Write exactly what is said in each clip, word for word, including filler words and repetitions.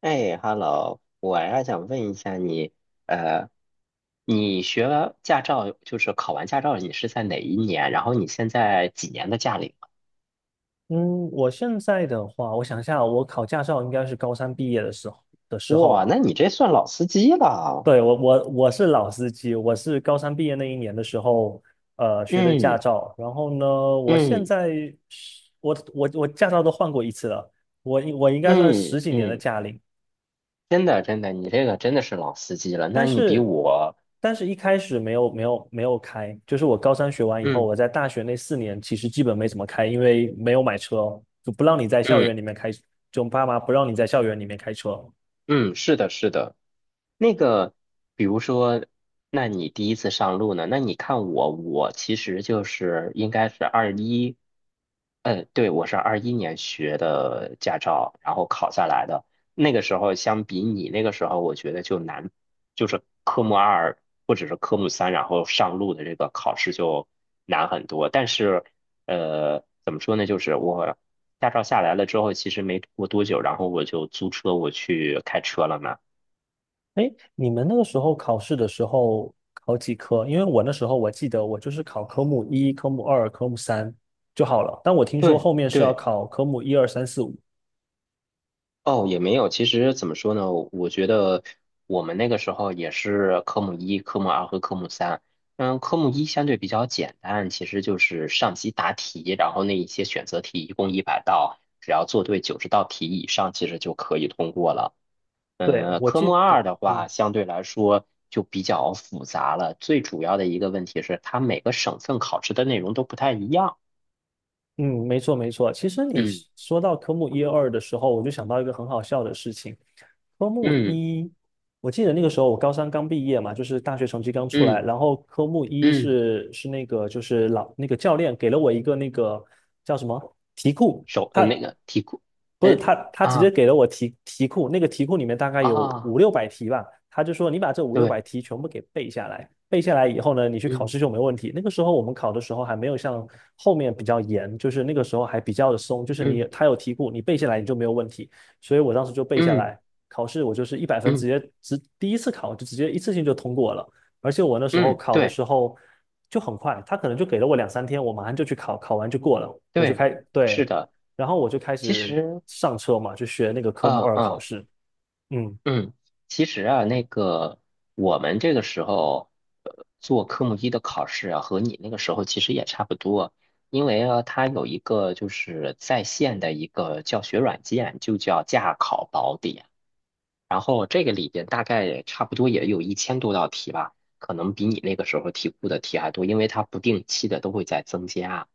哎，Hello，我还想问一下你，呃，你学完驾照，就是考完驾照，你是在哪一年？然后你现在几年的驾龄了？嗯，我现在的话，我想一下，我考驾照应该是高三毕业的时候的时哇，候。那你这算老司机了。对，我我我是老司机，我是高三毕业那一年的时候，呃，学的驾嗯照。然后呢，我现嗯在是我我我驾照都换过一次了，我应我应该算嗯十几年的嗯，驾龄。真的真的，你这个真的是老司机了。那但你比是我，但是一开始没有没有没有开，就是我高三学完以后，嗯我在大学那四年其实基本没怎么开，因为没有买车哦，就不让你在校嗯。园里面开，就爸妈不让你在校园里面开车。嗯，是的，是的。那个，比如说，那你第一次上路呢？那你看我，我其实就是应该是二一，呃，对，我是二一年学的驾照，然后考下来的。那个时候相比你那个时候，我觉得就难，就是科目二或者是科目三，然后上路的这个考试就难很多。但是，呃，怎么说呢？就是我。驾照下来了之后，其实没过多久，然后我就租车我去开车了嘛。哎，你们那个时候考试的时候考几科？因为我那时候我记得我就是考科目一、科目二、科目三就好了。但我听说对后面是要对，考科目一二三四五。哦，也没有。其实怎么说呢？我觉得我们那个时候也是科目一、科目二和科目三。嗯，科目一相对比较简单，其实就是上机答题，然后那一些选择题一共一百道，只要做对九十道题以上，其实就可以通过了。对，呃，我科记目得，二的嗯话，相对来说就比较复杂了。最主要的一个问题是，它每个省份考试的内容都不太一样。嗯，没错没错。其实你是嗯说到科目一二的时候，我就想到一个很好笑的事情。科目嗯一，我记得那个时候我高三刚毕业嘛，就是大学成绩刚出来，嗯然后科目一嗯，是是那个就是老那个教练给了我一个那个叫什么题库，手呃他那个题库。不呃是他，他直接啊给了我题题库，那个题库里面大概有五啊，六百题吧，他就说你把这五六百对。题全部给背下来，背下来以后呢，你去考嗯试就没问题。那个时候我们考的时候还没有像后面比较严，就是那个时候还比较的松，就是你嗯他有题库，你背下来你就没有问题。所以我当时就背下嗯来，考试我就是一百分，直嗯接直第一次考就直接一次性就通过了。而且我那时候嗯，考的对时候就很快，他可能就给了我两三天，我马上就去考，考完就过了，我就对，开，是对，的。然后我就开其始实，上车嘛，就学那个科目呃二考嗯。试。嗯，嗯，其实啊，那个我们这个时候，呃，做科目一的考试啊，和你那个时候其实也差不多，因为啊，它有一个就是在线的一个教学软件，就叫驾考宝典。然后这个里边大概也差不多也有一千多道题吧，可能比你那个时候题库的题还多，因为它不定期的都会在增加。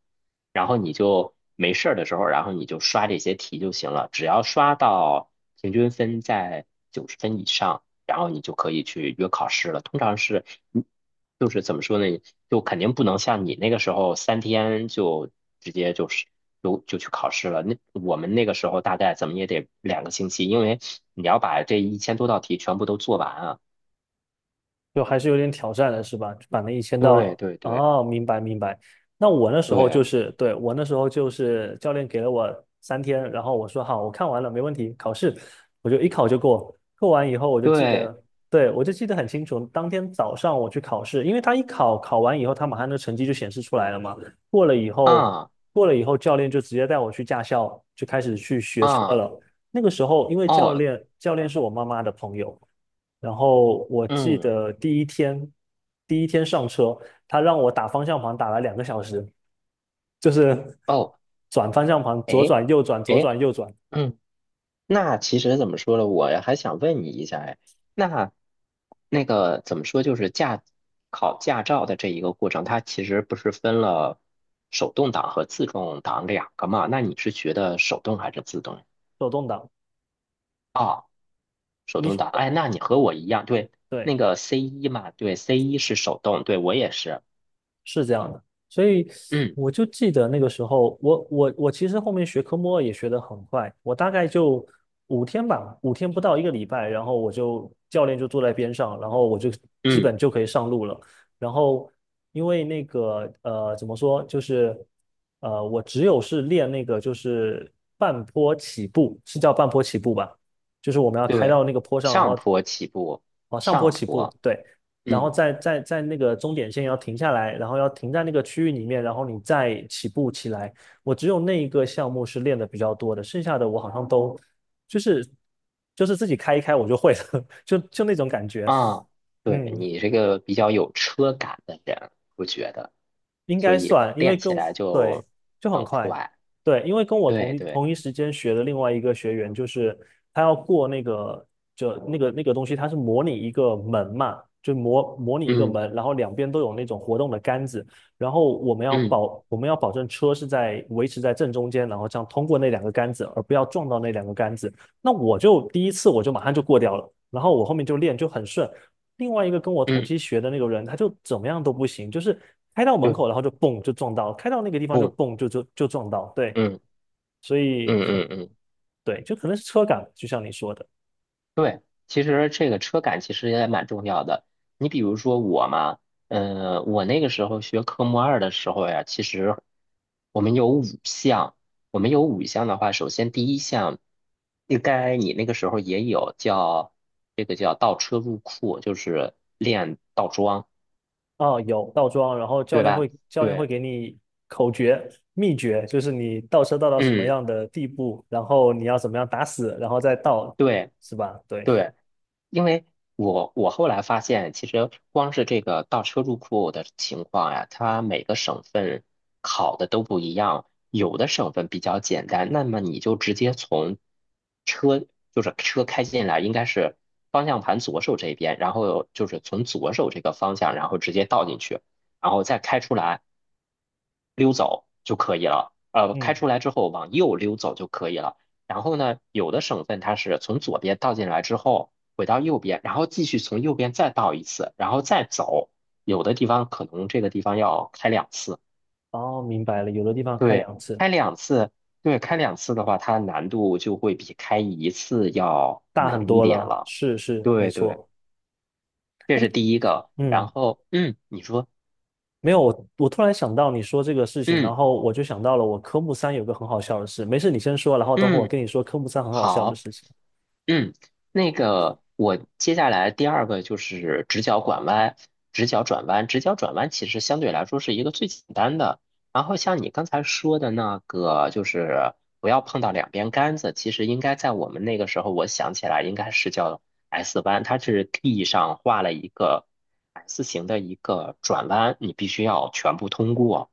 然后你就没事儿的时候，然后你就刷这些题就行了。只要刷到平均分在九十分以上，然后你就可以去约考试了。通常是，嗯就是怎么说呢？就肯定不能像你那个时候三天就直接就是就就去考试了。那我们那个时候大概怎么也得两个星期，因为你要把这一千多道题全部都做完啊。就还是有点挑战的是吧？就把那一千对道对对哦，明白明白。那我那时候就对是，对，我那时候就是教练给了我三天，然后我说好，我看完了，没问题，考试我就一考就过。过完以后我就记对得，对，我就记得很清楚，当天早上我去考试，因为他一考考完以后，他马上那个成绩就显示出来了嘛。过了以后，啊过了以后，教练就直接带我去驾校，就开始去学车啊了。那个时候，因为教哦练教练是我妈妈的朋友。然后我记嗯得第一天，第一天上车，他让我打方向盘打了两个小时，就是哦。转方向盘，左哎，转右转，左哎，转右转，嗯，那其实怎么说呢？我还想问你一下，哎，那那个怎么说？就是驾考驾照的这一个过程，它其实不是分了手动挡和自动挡两个嘛？那你是学的手动还是自动？手动挡。啊？手动你挡。哎，那你和我一样，对，那对，个 C 一嘛，对，C 一是手动，对我也是。是这样的，所以嗯我就记得那个时候，我我我其实后面学科目二也学得很快，我大概就五天吧，五天不到一个礼拜，然后我就教练就坐在边上，然后我就基嗯，本就可以上路了。然后因为那个呃怎么说，就是呃我只有是练那个就是半坡起步，是叫半坡起步吧？就是我们要开对，到那个坡上，然上后坡起步，往上坡上起步，坡。对，然后嗯。在在在那个终点线要停下来，然后要停在那个区域里面，然后你再起步起来。我只有那一个项目是练的比较多的，剩下的我好像都就是就是自己开一开我就会了，就就那种感觉。啊，对，嗯，你这个比较有车感的人，我觉得，应所该以算，因为练跟起来对，就就很很快。快。对，因为跟我对同一对，同一时间学的另外一个学员，就是他要过那个就那个那个东西，它是模拟一个门嘛，就模模拟一个嗯门，然后两边都有那种活动的杆子，然后我们要嗯保我们要保证车是在维持在正中间，然后这样通过那两个杆子，而不要撞到那两个杆子。那我就第一次我就马上就过掉了，然后我后面就练就很顺，另外一个跟我同嗯，期学的那个人，他就怎么样都不行，就是开到门对，口，然后就蹦就撞到，开到那个地方就不，蹦就就就撞到，对，嗯所以嗯可嗯嗯。对，就可能是车感，就像你说的，对，其实这个车感其实也蛮重要的。你比如说我嘛，呃，我那个时候学科目二的时候呀，其实我们有五项，我们有五项的话，首先第一项，应该你那个时候也有叫这个叫倒车入库，就是练倒桩，哦，有倒桩，然后教对练吧？会教练会对，给你口诀秘诀，就是你倒车倒到什么嗯，样的地步，然后你要怎么样打死，然后再倒，对是吧？对，对。因为我我后来发现，其实光是这个倒车入库的情况呀，它每个省份考的都不一样。有的省份比较简单，那么你就直接从车，就是车开进来，应该是方向盘左手这边，然后就是从左手这个方向，然后直接倒进去，然后再开出来。溜走就可以了。呃，开嗯，出来之后往右溜走就可以了。然后呢，有的省份它是从左边倒进来之后回到右边，然后继续从右边再倒一次，然后再走。有的地方可能这个地方要开两次，哦，明白了，有的地方开对，两次，开两次，对，开两次的话，它难度就会比开一次要大很难一多点了，了。是是，没对对，错，这哎。是第一个。然嗯，后，嗯，你说，没有，我我突然想到你说这个事情，然嗯后我就想到了我科目三有个很好笑的事。没事，你先说，然后等会我嗯，跟你说科目三很好笑的好。事情。嗯，那个我接下来第二个就是直角拐弯，直角转弯，直角转弯其实相对来说是一个最简单的。然后像你刚才说的那个，就是不要碰到两边杆子，其实应该在我们那个时候，我想起来应该是叫 S 弯，它是地上画了一个 S 型的一个转弯，你必须要全部通过。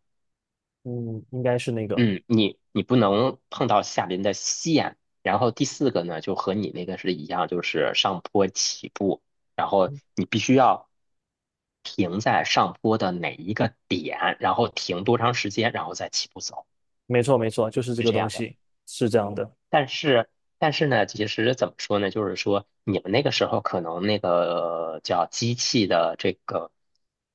嗯，应该是那个，嗯，你你不能碰到下边的线，然后第四个呢，就和你那个是一样，就是上坡起步，然后你必须要停在上坡的哪一个点，然后停多长时间，然后再起步走，没错没错，就是这是个这东样的。西，是这样的。但是，但是呢，其实怎么说呢？就是说，你们那个时候可能那个叫机器的这个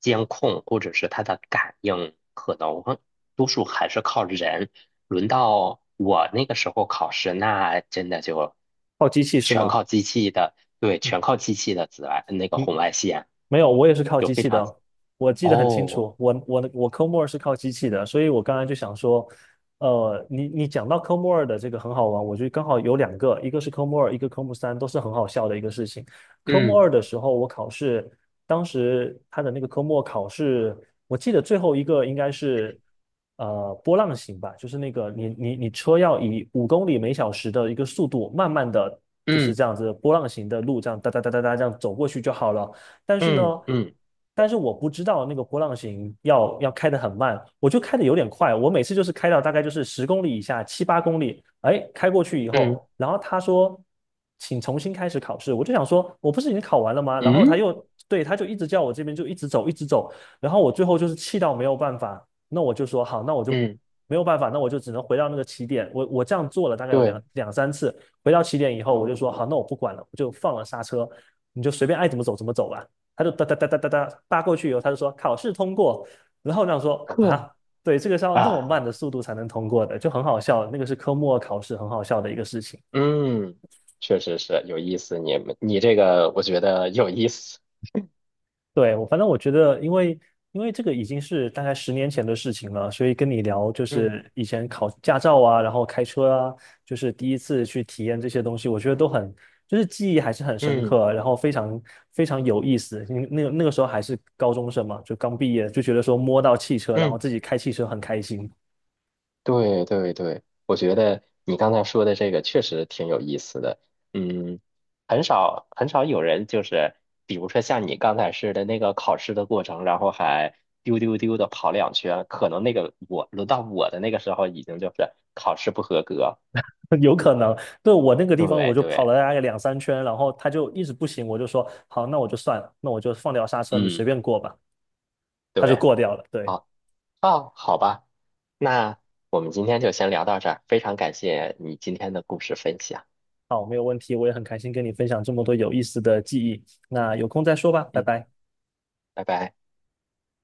监控，或者是它的感应，可能多数还是靠人。轮到我那个时候考试，那真的就泡机器是全吗？靠机器的，对，全靠机器的紫外那个嗯，红外线，没有，我也是靠就机非器常的，我记得很清哦。楚，我我的我科目二是靠机器的，所以我刚才就想说，呃，你你讲到科目二的这个很好玩，我觉得刚好有两个，一个是科目二，一个科目三，都是很好笑的一个事情。科目嗯二的时候，我考试，当时他的那个科目考试，我记得最后一个应该是呃波浪形吧，就是那个你你你车要以五公里每小时的一个速度，慢慢的就是嗯这样子波浪形的路，这样哒哒哒哒哒这样走过去就好了。但是呢，嗯嗯但是我不知道那个波浪形要要开得很慢，我就开得有点快，我每次就是开到大概就是十公里以下，七八公里，哎，开过去以嗯后，然后他说请重新开始考试，我就想说我不是已经考完了吗？然后他嗯又对，他就一直叫我这边就一直走一直走，然后我最后就是气到没有办法，那我就说好，那我就。嗯，没有办法，那我就只能回到那个起点。我我这样做了大概有两对，两三次，回到起点以后，我就说好，那我不管了，我就放了刹车，你就随便爱怎么走怎么走吧。他就哒哒哒哒哒哒扒过去以后，他就说考试通过。然后我想说呵啊，对，这个是要那么啊。慢的速度才能通过的，就很好笑。那个是科目二考试，很好笑的一个事情。嗯，确实是有意思。你们，你这个我觉得有意思。对，我反正我觉得，因为因为这个已经是大概十年前的事情了，所以跟你聊就嗯是以前考驾照啊，然后开车啊，就是第一次去体验这些东西，我觉得都很就是记忆还是很深嗯刻，然后非常非常有意思。因为那个那个时候还是高中生嘛，就刚毕业，就觉得说摸到汽车，然后嗯，自己开汽车很开心。对对对，我觉得你刚才说的这个确实挺有意思的。嗯，很少很少有人就是，比如说像你刚才似的那个考试的过程，然后还丢丢丢的跑两圈，可能那个我轮到我的那个时候已经就是考试不合格。有可能，对，我那个地方我对就跑对，了大概两三圈，然后他就一直不行，我就说好，那我就算了，那我就放掉刹车，你随嗯便过吧，他就对，过掉了。对，好啊，好吧。那我们今天就先聊到这儿，非常感谢你今天的故事分享。好，没有问题，我也很开心跟你分享这么多有意思的记忆，那有空再说吧，拜嗯，拜。拜拜。